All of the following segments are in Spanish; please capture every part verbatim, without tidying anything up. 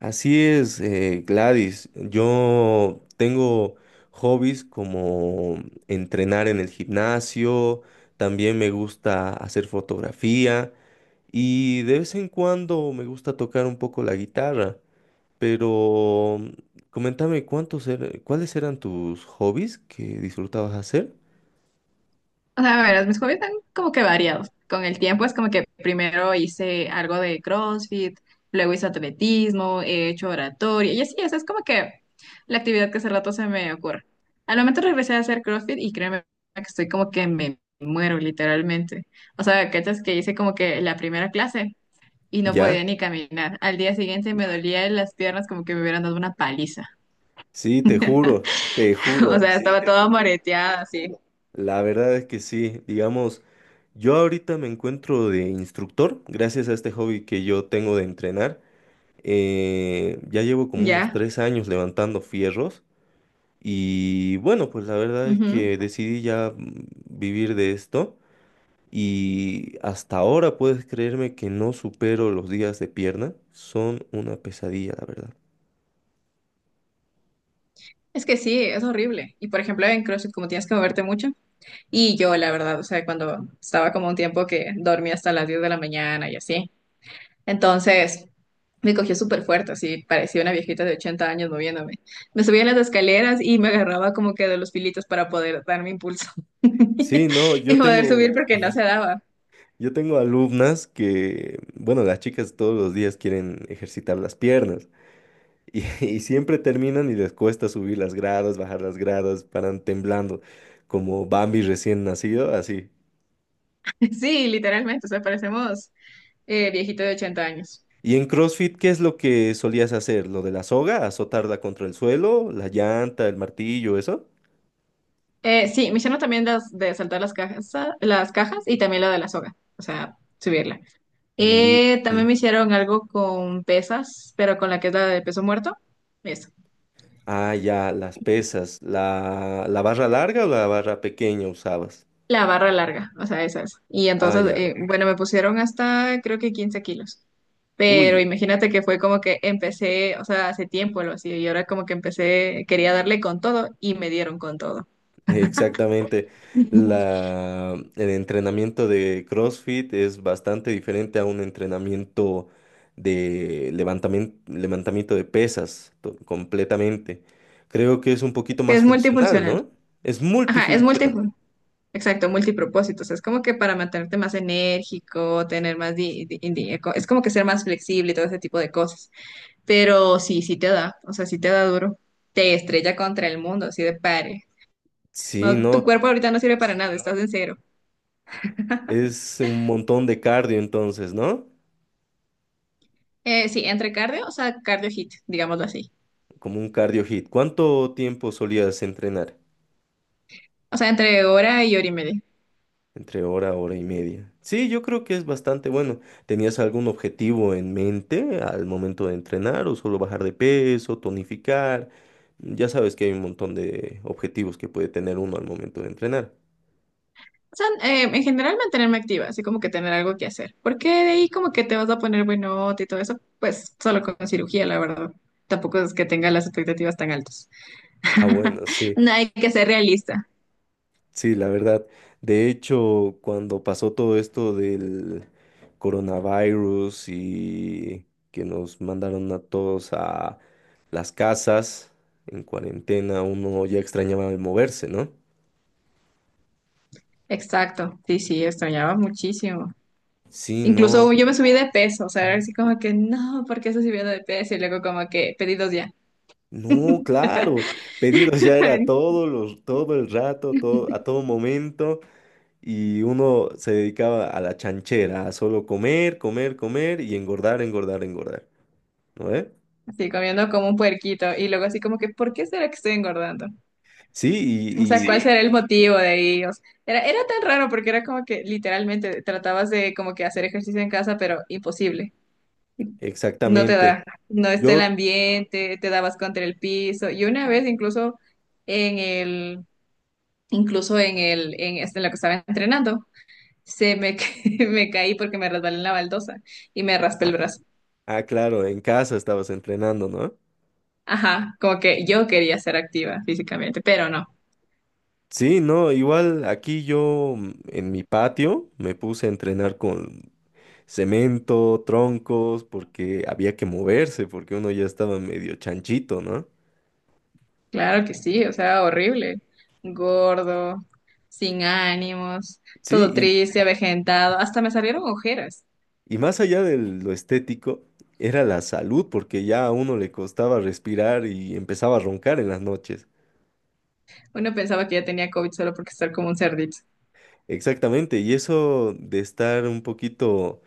Así es, eh, Gladys. Yo tengo hobbies como entrenar en el gimnasio, también me gusta hacer fotografía y de vez en cuando me gusta tocar un poco la guitarra. Pero mm, coméntame cuántos er- cuáles eran tus hobbies que disfrutabas hacer. O sea, a ver, mis hobbies están como que variados. Con el tiempo es como que primero hice algo de CrossFit, luego hice atletismo, he hecho oratoria, y así, esa es como que la actividad que hace rato se me ocurre. Al momento regresé a hacer CrossFit y créeme que estoy como que me muero literalmente. O sea, cachas que hice como que la primera clase y no Ya, podía ni caminar. Al día siguiente me dolía las piernas como que me hubieran dado una paliza. sí, te juro, te O juro. sea, Sí, estaba creo, toda moreteada así. La verdad es que sí, digamos, yo ahorita me encuentro de instructor, gracias a este hobby que yo tengo de entrenar. Eh, ya llevo como unos Ya. tres años levantando fierros y bueno, pues la verdad es ujú. que decidí ya mm, vivir de esto y hasta ahora puedes creerme que no supero los días de pierna, son una pesadilla, la verdad. Es que sí, es horrible. Y por ejemplo, en CrossFit, como tienes que moverte mucho, y yo, la verdad, o sea, cuando estaba como un tiempo que dormía hasta las diez de la mañana y así, entonces me cogió súper fuerte, así, parecía una viejita de ochenta años moviéndome. Me subía en las escaleras y me agarraba como que de los filitos para poder darme impulso Sí, no, y yo poder tengo, subir porque no se daba. yo tengo alumnas que, bueno, las chicas todos los días quieren ejercitar las piernas. Y, y siempre terminan y les cuesta subir las gradas, bajar las gradas, paran temblando, como Bambi recién nacido, así. Sí, literalmente, o sea, parecemos eh, viejito de ochenta años. Y en CrossFit, ¿qué es lo que solías hacer? ¿Lo de la soga? ¿Azotarla contra el suelo? ¿La llanta, el martillo, eso? Eh, sí, me hicieron también las de saltar las cajas, las cajas y también la de la soga, o sea, subirla. Mm, Eh, también mm. me hicieron algo con pesas, pero con la que es la de peso muerto. Eso. Ah, ya, las pesas. ¿La, la barra larga o la barra pequeña usabas? La barra larga, o sea, esa es. Y Ah, entonces, ya. eh, bueno, me pusieron hasta creo que quince kilos. Pero Uy, imagínate que fue como que empecé, o sea, hace tiempo lo hacía y ahora como que empecé, quería darle con todo y me dieron con todo. exactamente. La, el entrenamiento de CrossFit es bastante diferente a un entrenamiento de levantamiento, levantamiento de pesas to- completamente. Creo que es un poquito Que más es funcional, multifuncional. ¿no? Es Ajá, es multi, multifuncional. exacto, multipropósitos. Es como que para mantenerte más enérgico, tener más, di- di- di- es como que ser más flexible y todo ese tipo de cosas. Pero sí, sí te da, o sea, sí te da duro. Te estrella contra el mundo, así de pare. Sí, No, tu ¿no? cuerpo ahorita no sirve para nada, estás en cero. Es un montón de cardio entonces, ¿no? Eh, sí, entre cardio, o sea, cardio hit, digámoslo así. Como un cardio hit. ¿Cuánto tiempo solías entrenar? O sea, entre hora y hora y media. Entre hora, hora y media. Sí, yo creo que es bastante bueno. ¿Tenías algún objetivo en mente al momento de entrenar o solo bajar de peso, tonificar? Ya sabes que hay un montón de objetivos que puede tener uno al momento de entrenar. O sea, eh, en general mantenerme activa, así como que tener algo que hacer. Porque de ahí como que te vas a poner buenote y todo eso, pues solo con cirugía, la verdad. Tampoco es que tenga las expectativas tan altas. Ah, bueno, sí, No hay que ser realista. sí, la verdad. De hecho, cuando pasó todo esto del coronavirus y que nos mandaron a todos a las casas en cuarentena, uno ya extrañaba el moverse, ¿no? Exacto. Sí, sí, extrañaba muchísimo. Sí, no, Incluso yo me subí de peso, o sea, era así como que, no, ¿por qué estoy subiendo de peso? Y luego como que, pedidos ya. no, claro, pedidos ya era todo, los, todo el rato, todo, a todo momento, y uno se dedicaba a la chanchera, a solo comer, comer, comer y engordar, engordar, engordar, ¿no ve? Así comiendo como un puerquito. Y luego así como que, ¿por qué será que estoy engordando? Sí, O sea, y, Sí. ¿cuál y será el motivo de ellos? Era, era tan raro porque era como que literalmente tratabas de como que hacer ejercicio en casa, pero imposible. No te exactamente. da, no está el Yo, ambiente, te dabas contra el piso. Y una vez incluso en el, incluso en el, en, este, en lo que estaba entrenando. se me, ca- me caí porque me resbalé en la baldosa y me raspé el brazo. ah, claro, en casa estabas entrenando, ¿no? Ajá, como que yo quería ser activa físicamente, pero no. Sí, no, igual aquí yo mm, en mi patio me puse a entrenar con cemento, troncos, porque había que moverse, porque uno ya estaba medio chanchito, ¿no? Claro que sí, o sea, horrible. Gordo, sin ánimos, todo Sí, triste, avejentado, hasta me salieron ojeras. y, y más allá de lo estético, era la salud, porque ya a uno le costaba respirar y empezaba a roncar en las noches. Uno pensaba que ya tenía COVID solo porque estar como un cerdito. Exactamente, y eso de estar un poquito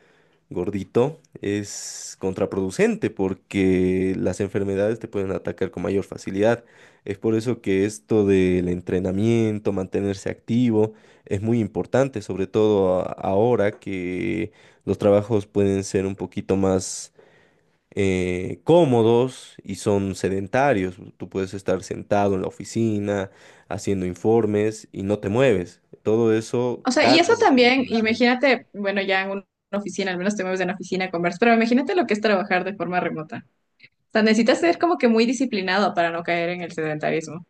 gordito es contraproducente porque las enfermedades te pueden atacar con mayor facilidad. Es por eso que esto del entrenamiento, mantenerse activo, es muy importante, sobre todo a- ahora que los trabajos pueden ser un poquito más eh, cómodos y son sedentarios. Tú puedes estar sentado en la oficina haciendo informes y no te mueves. Todo eso O sea, y eso carga después también, con el tiempo. imagínate, bueno, ya en una oficina, al menos te mueves en una oficina, conversas, pero imagínate lo que es trabajar de forma remota. O sea, necesitas ser como que muy disciplinado para no caer en el sedentarismo.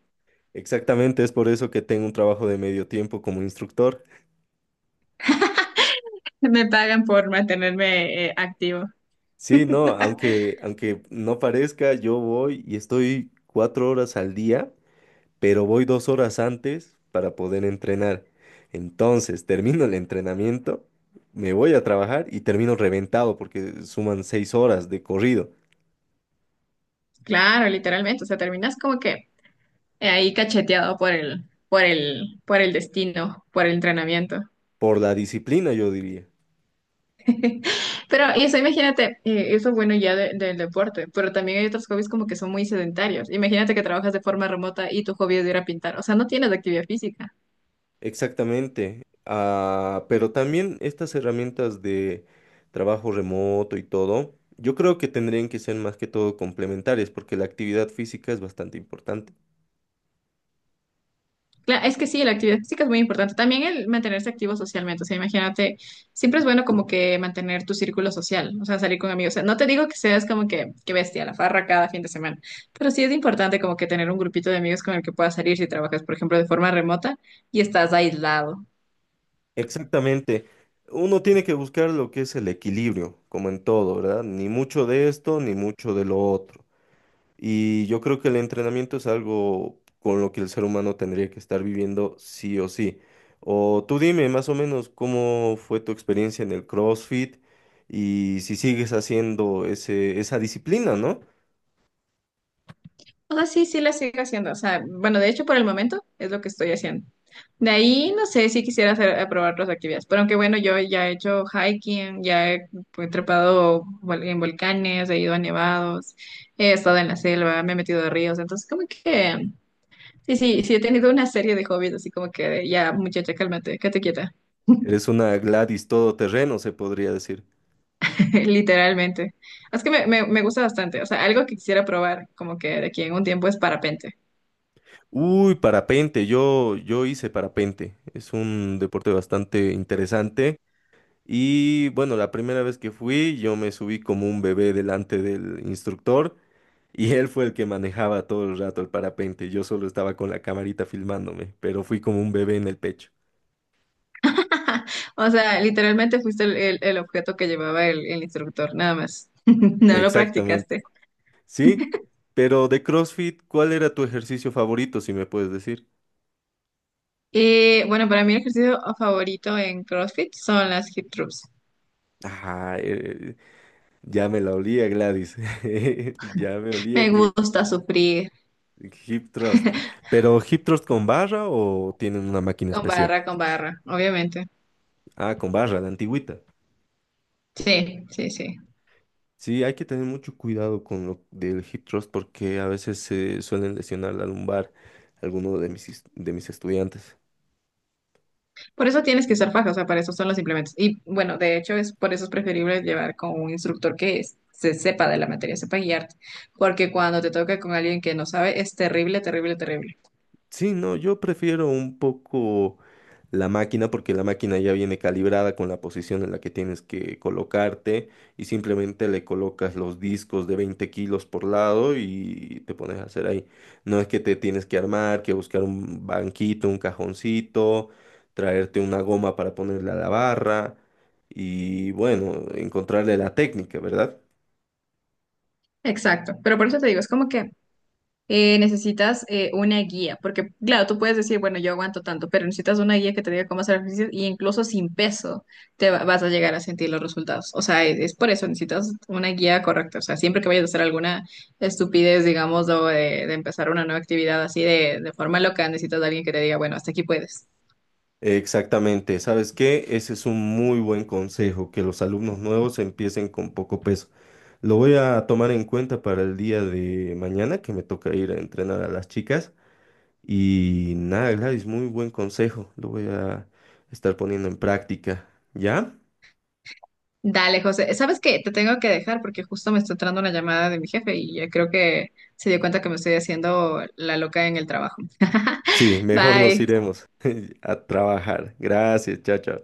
Exactamente, es por eso que tengo un trabajo de medio tiempo como instructor. Me pagan por mantenerme eh, activo. Sí, no, aunque, aunque no parezca, yo voy y estoy cuatro horas al día, pero voy dos horas antes para poder entrenar. Entonces, termino el entrenamiento, me voy a trabajar y termino reventado porque suman seis horas de corrido. Claro, literalmente. O sea, terminas como que eh, ahí cacheteado por el, por el, por el destino, por el entrenamiento. Por la disciplina, yo diría. Pero eso, imagínate, eh, eso es bueno ya de- del deporte, pero también hay otros hobbies como que son muy sedentarios. Imagínate que trabajas de forma remota y tu hobby es ir a pintar. O sea, no tienes actividad física. Exactamente. Ah, pero también estas herramientas de trabajo remoto y todo, yo creo que tendrían que ser más que todo complementarias, porque la actividad física es bastante importante. Cla- Es que sí, la actividad física es muy importante. También el mantenerse activo socialmente. O sea, imagínate, siempre es bueno como que mantener tu círculo social, o sea, salir con amigos. O sea, no te digo que seas como que, que bestia, la farra cada fin de semana, pero sí es importante como que tener un grupito de amigos con el que puedas salir si trabajas, por ejemplo, de forma remota y estás aislado. Exactamente. Uno tiene que buscar lo que es el equilibrio, como en todo, ¿verdad? Ni mucho de esto, ni mucho de lo otro. Y yo creo que el entrenamiento es algo con lo que el ser humano tendría que estar viviendo sí o sí. O tú dime más o menos cómo fue tu experiencia en el CrossFit y si sigues haciendo ese, esa disciplina, ¿no? O sea, sí, sí la sigo haciendo. O sea, bueno, de hecho, por el momento es lo que estoy haciendo. De ahí no sé si quisiera hacer, a probar otras actividades. Pero aunque bueno, yo ya he hecho hiking, ya he pues, trepado vol- en volcanes, he ido a nevados, he estado en la selva, me he metido a ríos. Entonces, como que sí, sí, sí he tenido una serie de hobbies, así como que de, ya, muchacha, cálmate, quédate quieta. Eres una Gladys todoterreno, se podría decir. Literalmente. Es que me, me, me gusta bastante. O sea, algo que quisiera probar, como que de aquí en un tiempo es parapente. Uy, parapente, yo, yo hice parapente. Es un deporte bastante interesante. Y bueno, la primera vez que fui, yo me subí como un bebé delante del instructor y él fue el que manejaba todo el rato el parapente. Yo solo estaba con la camarita filmándome, pero fui como un bebé en el pecho. O sea, literalmente fuiste el, el- el objeto que llevaba el, el instructor, nada más. No lo Exactamente. practicaste. Sí, pero de CrossFit, ¿cuál era tu ejercicio favorito, si me puedes decir? Y bueno, para mí el ejercicio favorito en CrossFit son las hip thrusts. Ah, eh, ya me la olía, Gladys. Ya me olía Me que gusta sufrir hip thrust. ¿Pero hip thrust con barra o tienen una máquina con especial? barra, con barra, obviamente. Ah, con barra, la antigüita. Sí, sí, sí. Sí, hay que tener mucho cuidado con lo del hip thrust porque a veces se suelen lesionar la lumbar algunos de mis, is- de mis estudiantes. Por eso tienes que usar faja, o sea, para eso son los implementos. Y bueno, de hecho, es por eso es preferible llevar con un instructor que es- se sepa de la materia, sepa guiarte. Porque cuando te toca con alguien que no sabe, es terrible, terrible, terrible. Sí, no, yo prefiero un poco la máquina porque la máquina ya viene calibrada con la posición en la que tienes que colocarte y simplemente le colocas los discos de veinte kilos por lado y te pones a hacer ahí. No es que te tienes que armar, que buscar un banquito, un cajoncito, traerte una goma para ponerle a la barra y bueno, encontrarle la técnica, ¿verdad? Exacto. Pero por eso te digo, es como que eh, necesitas eh, una guía, porque claro, tú puedes decir, bueno, yo aguanto tanto, pero necesitas una guía que te diga cómo hacer ejercicios y incluso sin peso te va- vas a llegar a sentir los resultados. O sea, es, es por eso, necesitas una guía correcta. O sea, siempre que vayas a hacer alguna estupidez, digamos, o de, de empezar una nueva actividad así de, de forma loca, necesitas de alguien que te diga, bueno, hasta aquí puedes. Exactamente, ¿sabes qué? Ese es un muy buen consejo, que los alumnos nuevos empiecen con poco peso. Lo voy a tomar en cuenta para el día de mañana, que me toca ir a entrenar a las chicas. Y nada, Gladys, muy buen consejo, lo voy a estar poniendo en práctica, ¿ya? Dale, José. ¿Sabes qué? Te tengo que dejar porque justo me está entrando una llamada de mi jefe y ya creo que se dio cuenta que me estoy haciendo la loca en el trabajo. Sí, mejor nos Bye. iremos a trabajar. Gracias, chao, chao.